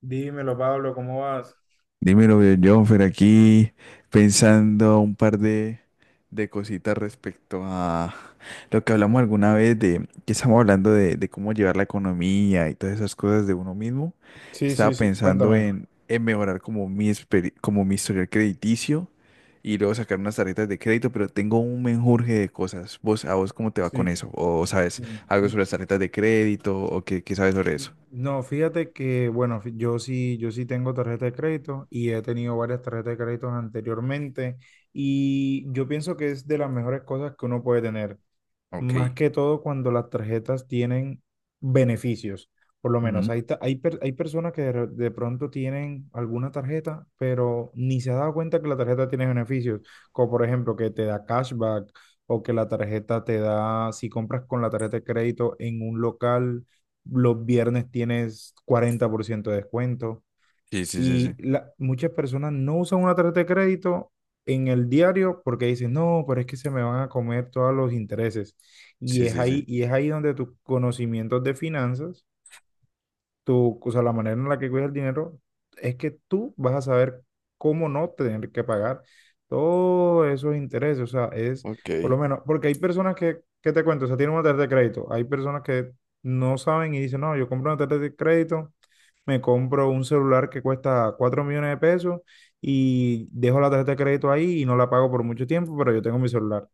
Dímelo, Pablo, ¿cómo vas? Dímelo, Jonfer, aquí pensando un par de cositas respecto a lo que hablamos alguna vez de que estamos hablando de cómo llevar la economía y todas esas cosas de uno mismo. Sí, sí, Estaba sí, pensando cuéntame. En mejorar como mi historial crediticio y luego sacar unas tarjetas de crédito, pero tengo un menjurje de cosas. ¿A vos cómo te va Sí. con eso? ¿O Sí. sabes algo sobre las tarjetas de crédito o qué sabes sobre eso? No, fíjate que, bueno, yo sí tengo tarjeta de crédito y he tenido varias tarjetas de crédito anteriormente y yo pienso que es de las mejores cosas que uno puede tener. Más Ok. que todo cuando las tarjetas tienen beneficios. Por lo menos Ujú. hay personas que de pronto tienen alguna tarjeta, pero ni se ha dado cuenta que la tarjeta tiene beneficios, como por ejemplo que te da cashback o que la tarjeta te da, si compras con la tarjeta de crédito en un local, los viernes tienes 40% de descuento. Sí, sí, sí, Y sí. la- muchas personas no usan una tarjeta de crédito en el diario porque dicen, no, pero es que se me van a comer todos los intereses. Y Sí, es sí, sí. ahí, y es ahí donde tus conocimientos de finanzas, o sea, la manera en la que cuidas el dinero, es que tú vas a saber cómo no tener que pagar todos esos intereses. O sea, es por Ok. lo menos, porque hay personas que, ¿qué te cuento? O sea, tienen una tarjeta de crédito, hay personas que no saben y dicen, no, yo compro una tarjeta de crédito, me compro un celular que cuesta 4 millones de pesos y dejo la tarjeta de crédito ahí y no la pago por mucho tiempo, pero yo tengo mi celular,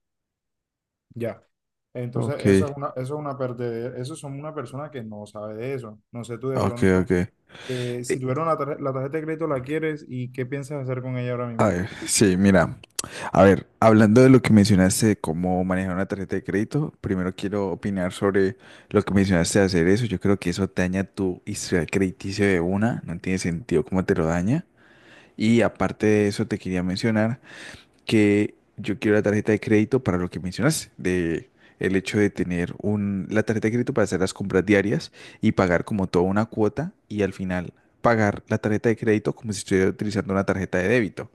ya. Entonces, Ok, eso es una perdedera, eso son una persona que no sabe de eso. No sé tú de ok, pronto, ok. Eh, si tuviera una la tarjeta de crédito, ¿la quieres y qué piensas hacer con ella ahora A mismo? ver, sí, mira, a ver, hablando de lo que mencionaste de cómo manejar una tarjeta de crédito, primero quiero opinar sobre lo que mencionaste de hacer eso. Yo creo que eso daña tu historial crediticio de una, no tiene sentido cómo te lo daña. Y aparte de eso, te quería mencionar que yo quiero la tarjeta de crédito para lo que mencionaste, de el hecho de tener la tarjeta de crédito para hacer las compras diarias y pagar como toda una cuota y al final pagar la tarjeta de crédito como si estuviera utilizando una tarjeta de débito.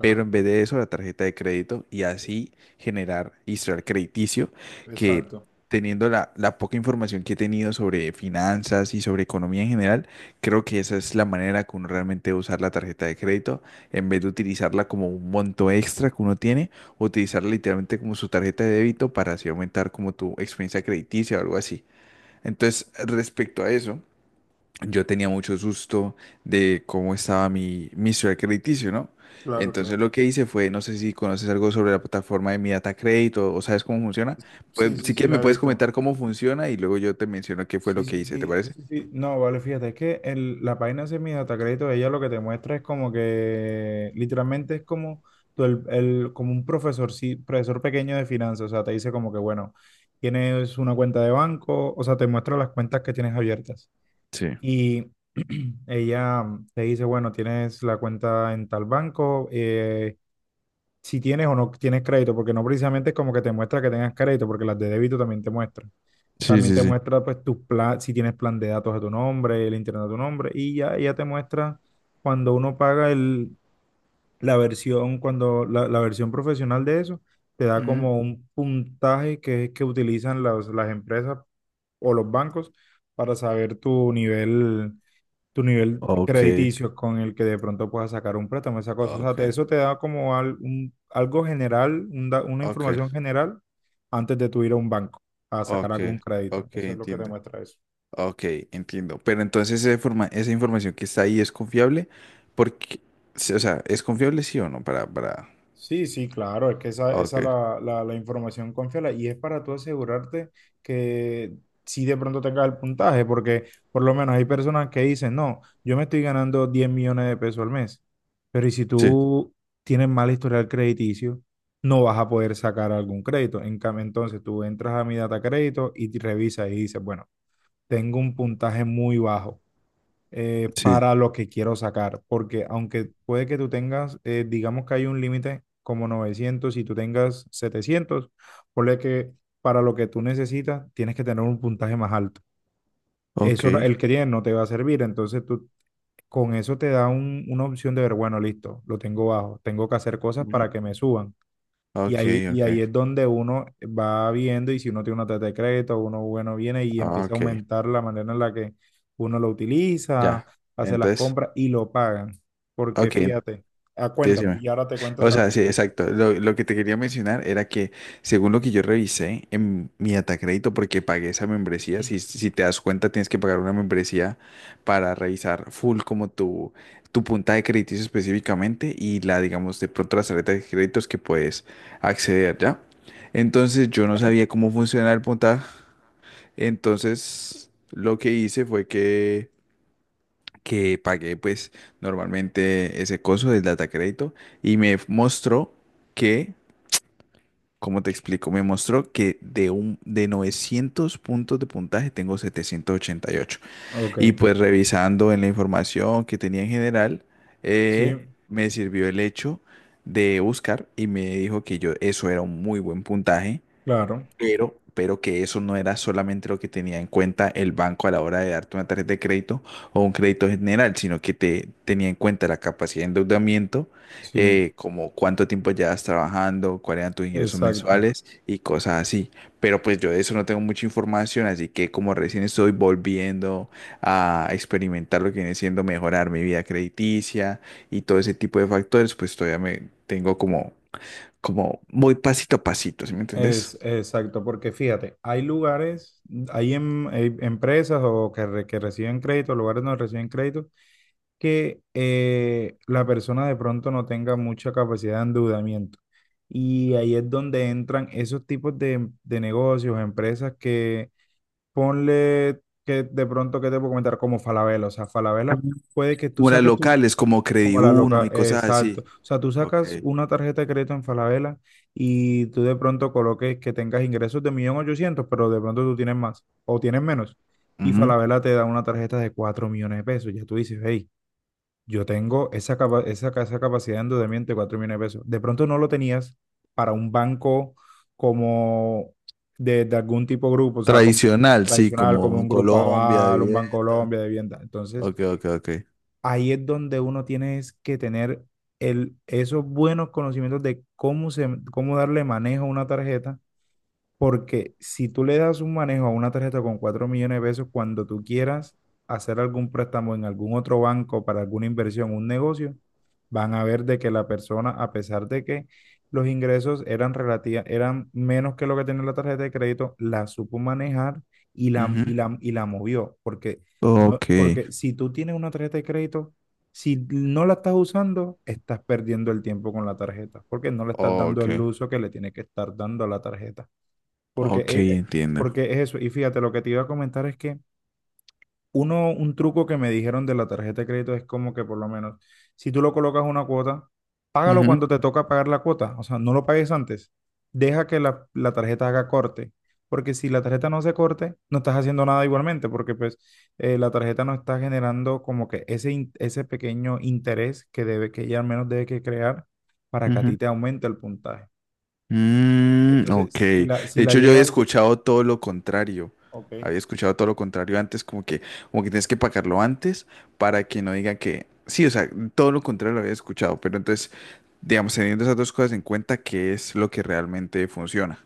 Pero en vez de eso, la tarjeta de crédito y así generar historial crediticio que exacto. teniendo la poca información que he tenido sobre finanzas y sobre economía en general, creo que esa es la manera que uno realmente debe usar la tarjeta de crédito en vez de utilizarla como un monto extra que uno tiene, utilizarla literalmente como su tarjeta de débito para así aumentar como tu experiencia crediticia o algo así. Entonces, respecto a eso, yo tenía mucho susto de cómo estaba mi historial crediticio, ¿no? Claro, Entonces claro. lo que hice fue, no sé si conoces algo sobre la plataforma de mi data Credit o sabes cómo funciona. Pues Sí, sí, si sí, quieres la me he puedes visto. comentar cómo funciona y luego yo te menciono qué fue Sí, lo que sí, hice, ¿te sí, parece? sí, sí. No, vale, fíjate, es que la página de mi data crédito, ella lo que te muestra es como que literalmente es como como un profesor, sí, profesor pequeño de finanzas. O sea, te dice como que, bueno, tienes una cuenta de banco, o sea, te muestra las cuentas que tienes abiertas. Sí, Y ella te dice, bueno, tienes la cuenta en tal banco, si tienes o no tienes crédito, porque no precisamente es como que te muestra que tengas crédito, porque las de débito también te muestran. sí, También sí, te sí. muestra pues si tienes plan de datos a tu nombre, el internet a tu nombre, y ya te muestra cuando uno paga el, la versión, cuando la versión profesional de eso, te da Ujú. como un puntaje que es que utilizan las empresas o los bancos para saber tu nivel, tu nivel Ok, crediticio con el que de pronto puedas sacar un préstamo, esa cosa. O sea, ok, eso te da como algo general, una ok. información general antes de tú ir a un banco a sacar Ok, algún crédito. ok, Eso es lo que te entiendo. muestra eso. Ok, entiendo. Pero entonces esa información que está ahí es confiable porque, sí, o sea, ¿es confiable sí o no? Para. Sí, sí, claro, es que esa, Ok, esa la información confiable y es para tú asegurarte que si de pronto tengas el puntaje. Porque por lo menos hay personas que dicen, no, yo me estoy ganando 10 millones de pesos al mes. Pero ¿y si sí, tú tienes mal historial crediticio, no vas a poder sacar algún crédito? En cambio, entonces tú entras a mi data crédito y te revisas y dices, bueno, tengo un puntaje muy bajo, sí, para lo que quiero sacar, porque aunque puede que tú tengas, digamos que hay un límite como 900, y tú tengas 700, ponle que para lo que tú necesitas tienes que tener un puntaje más alto. ok. Eso el que tienes no te va a servir, entonces tú con eso te da una opción de ver, bueno, listo, lo tengo bajo, tengo que hacer cosas Ujú. para que me suban. Y Ok, ahí, y ok, ahí es donde uno va viendo y si uno tiene una tarjeta de crédito, uno bueno viene y empieza a ok, aumentar la manera en la que uno lo utiliza, ya. hace las Entonces, compras y lo pagan. Porque ok, fíjate, ah, cuéntame, decime. y ahora te cuento O otra sea, sí, cosita. exacto. Lo que te quería mencionar era que, según lo que yo revisé en mi Atacrédito, porque pagué esa membresía, si te das cuenta, tienes que pagar una membresía para revisar full como tu punta de créditos específicamente y la, digamos, de pronto las tarjetas de créditos que puedes acceder, ¿ya? Entonces, yo no sabía cómo funcionaba el puntaje. Entonces, lo que hice fue que pagué pues normalmente ese coso del data crédito y me mostró que, como te explico, me mostró que de un de 900 puntos de puntaje tengo 788 y ocho. Ok, Y pues revisando en la información que tenía en general sí, eh, me sirvió el hecho de buscar y me dijo que yo eso era un muy buen puntaje claro, pero que eso no era solamente lo que tenía en cuenta el banco a la hora de darte una tarjeta de crédito o un crédito general, sino que te tenía en cuenta la capacidad de endeudamiento, sí, como cuánto tiempo llevas trabajando, cuáles eran tus ingresos exacto. mensuales y cosas así. Pero pues yo de eso no tengo mucha información, así que como recién estoy volviendo a experimentar lo que viene siendo mejorar mi vida crediticia y todo ese tipo de factores, pues todavía me tengo como muy pasito a pasito, ¿sí me entendés? Es exacto, porque fíjate, hay lugares, hay empresas que reciben crédito, lugares donde reciben crédito, que la persona de pronto no tenga mucha capacidad de endeudamiento. Y ahí es donde entran esos tipos de negocios, empresas que ponle que de pronto, ¿qué te puedo comentar? Como Falabella. O sea, Falabella puede que tú Como las saques locales, como como la Crediuno loca, y cosas exacto. así. O sea, tú Ok. sacas una tarjeta de crédito en Falabella y tú de pronto coloques que tengas ingresos de 1.800.000, pero de pronto tú tienes más o tienes menos. Y Ujú. Falabella te da una tarjeta de 4 millones de pesos. Ya tú dices, hey, yo tengo esa, esa capacidad de endeudamiento de 4 millones de pesos. De pronto no lo tenías para un banco como de algún tipo de grupo, o sea, como Tradicional, sí, tradicional, como como en un Grupo Colombia, Aval, un Banco vivienda. Colombia, de vivienda. Entonces, Ok, ok, ok. ahí es donde uno tiene es que tener esos buenos conocimientos de cómo darle manejo a una tarjeta porque si tú le das un manejo a una tarjeta con 4 millones de pesos, cuando tú quieras hacer algún préstamo en algún otro banco para alguna inversión, un negocio, van a ver de que la persona, a pesar de que los ingresos eran eran menos que lo que tenía la tarjeta de crédito, la supo manejar y la, Ujú. y la, y la movió. Porque, no, Ok, porque si tú tienes una tarjeta de crédito, si no la estás usando, estás perdiendo el tiempo con la tarjeta, porque no le estás dando ok, el uso que le tienes que estar dando a la tarjeta. Porque, ok, eh, eh, entiendo. porque es eso. Y fíjate, lo que te iba a comentar es que uno, un truco que me dijeron de la tarjeta de crédito es como que por lo menos, si tú lo colocas una cuota, págalo Ujú, cuando te toca pagar la cuota. O sea, no lo pagues antes. Deja que la tarjeta haga corte. Porque si la tarjeta no se corte, no estás haciendo nada igualmente, porque pues la tarjeta no está generando como que ese pequeño interés que debe, que ella al menos debe que crear para que a ti ujú. te aumente el puntaje. Mm, ok. Entonces, si De la, si la hecho, yo había llegas, escuchado todo lo contrario. ok. Había escuchado todo lo contrario antes, como que tienes que pagarlo antes para que no digan que. Sí, o sea, todo lo contrario lo había escuchado. Pero entonces, digamos, teniendo esas dos cosas en cuenta, ¿qué es lo que realmente funciona?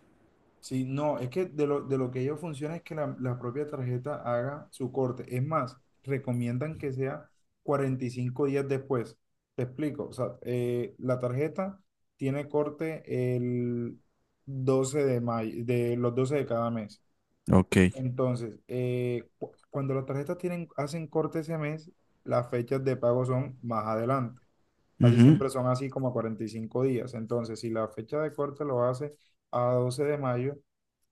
Sí, no, es que de lo que ellos funciona es que la propia tarjeta haga su corte. Es más, recomiendan que sea 45 días después. Te explico. O sea, la tarjeta tiene corte el 12 de mayo, de los 12 de cada mes. Ok. Entonces, cuando las tarjetas tienen, hacen corte ese mes, las fechas de pago son más adelante. Casi Ujú. siempre son así como a 45 días. Entonces, si la fecha de corte lo hace a 12 de mayo,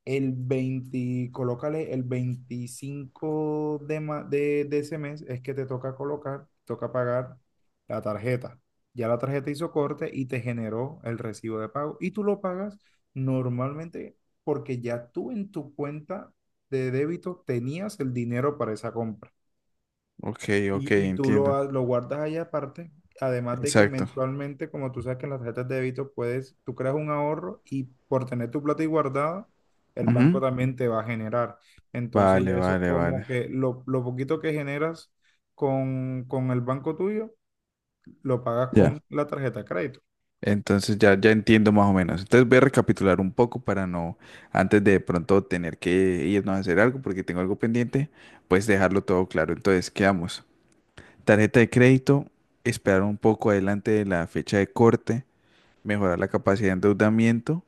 el 20, colócale el 25 de ese mes es que te toca colocar, toca pagar la tarjeta. Ya la tarjeta hizo corte y te generó el recibo de pago y tú lo pagas normalmente porque ya tú en tu cuenta de débito tenías el dinero para esa compra. Ok, ok, Y tú lo, entiendo. Lo guardas ahí aparte, además de que Exacto. mensualmente, como tú sabes que en las tarjetas de débito puedes, tú creas un ahorro y por tener tu plata ahí guardada, el banco Ujú. también te va a generar. Entonces ya Vale, eso es vale, como vale. que lo poquito que generas con el banco tuyo, lo pagas Ya. con la tarjeta de crédito. Entonces ya entiendo más o menos. Entonces voy a recapitular un poco para no, antes de pronto tener que irnos a hacer algo porque tengo algo pendiente, pues dejarlo todo claro. Entonces, quedamos. Tarjeta de crédito, esperar un poco adelante de la fecha de corte mejorar la capacidad de endeudamiento,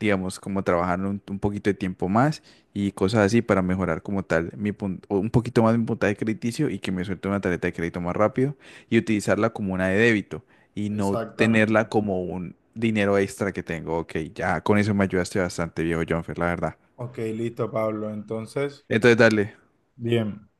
digamos, como trabajar un poquito de tiempo más y cosas así para mejorar como tal o un poquito más mi puntaje crediticio y que me suelte una tarjeta de crédito más rápido y utilizarla como una de débito y no tenerla Exactamente. como un dinero extra que tengo. Ok, ya con eso me ayudaste bastante, viejo Jonfer, la verdad. Ok, listo, Pablo. Entonces, Entonces, dale. bien.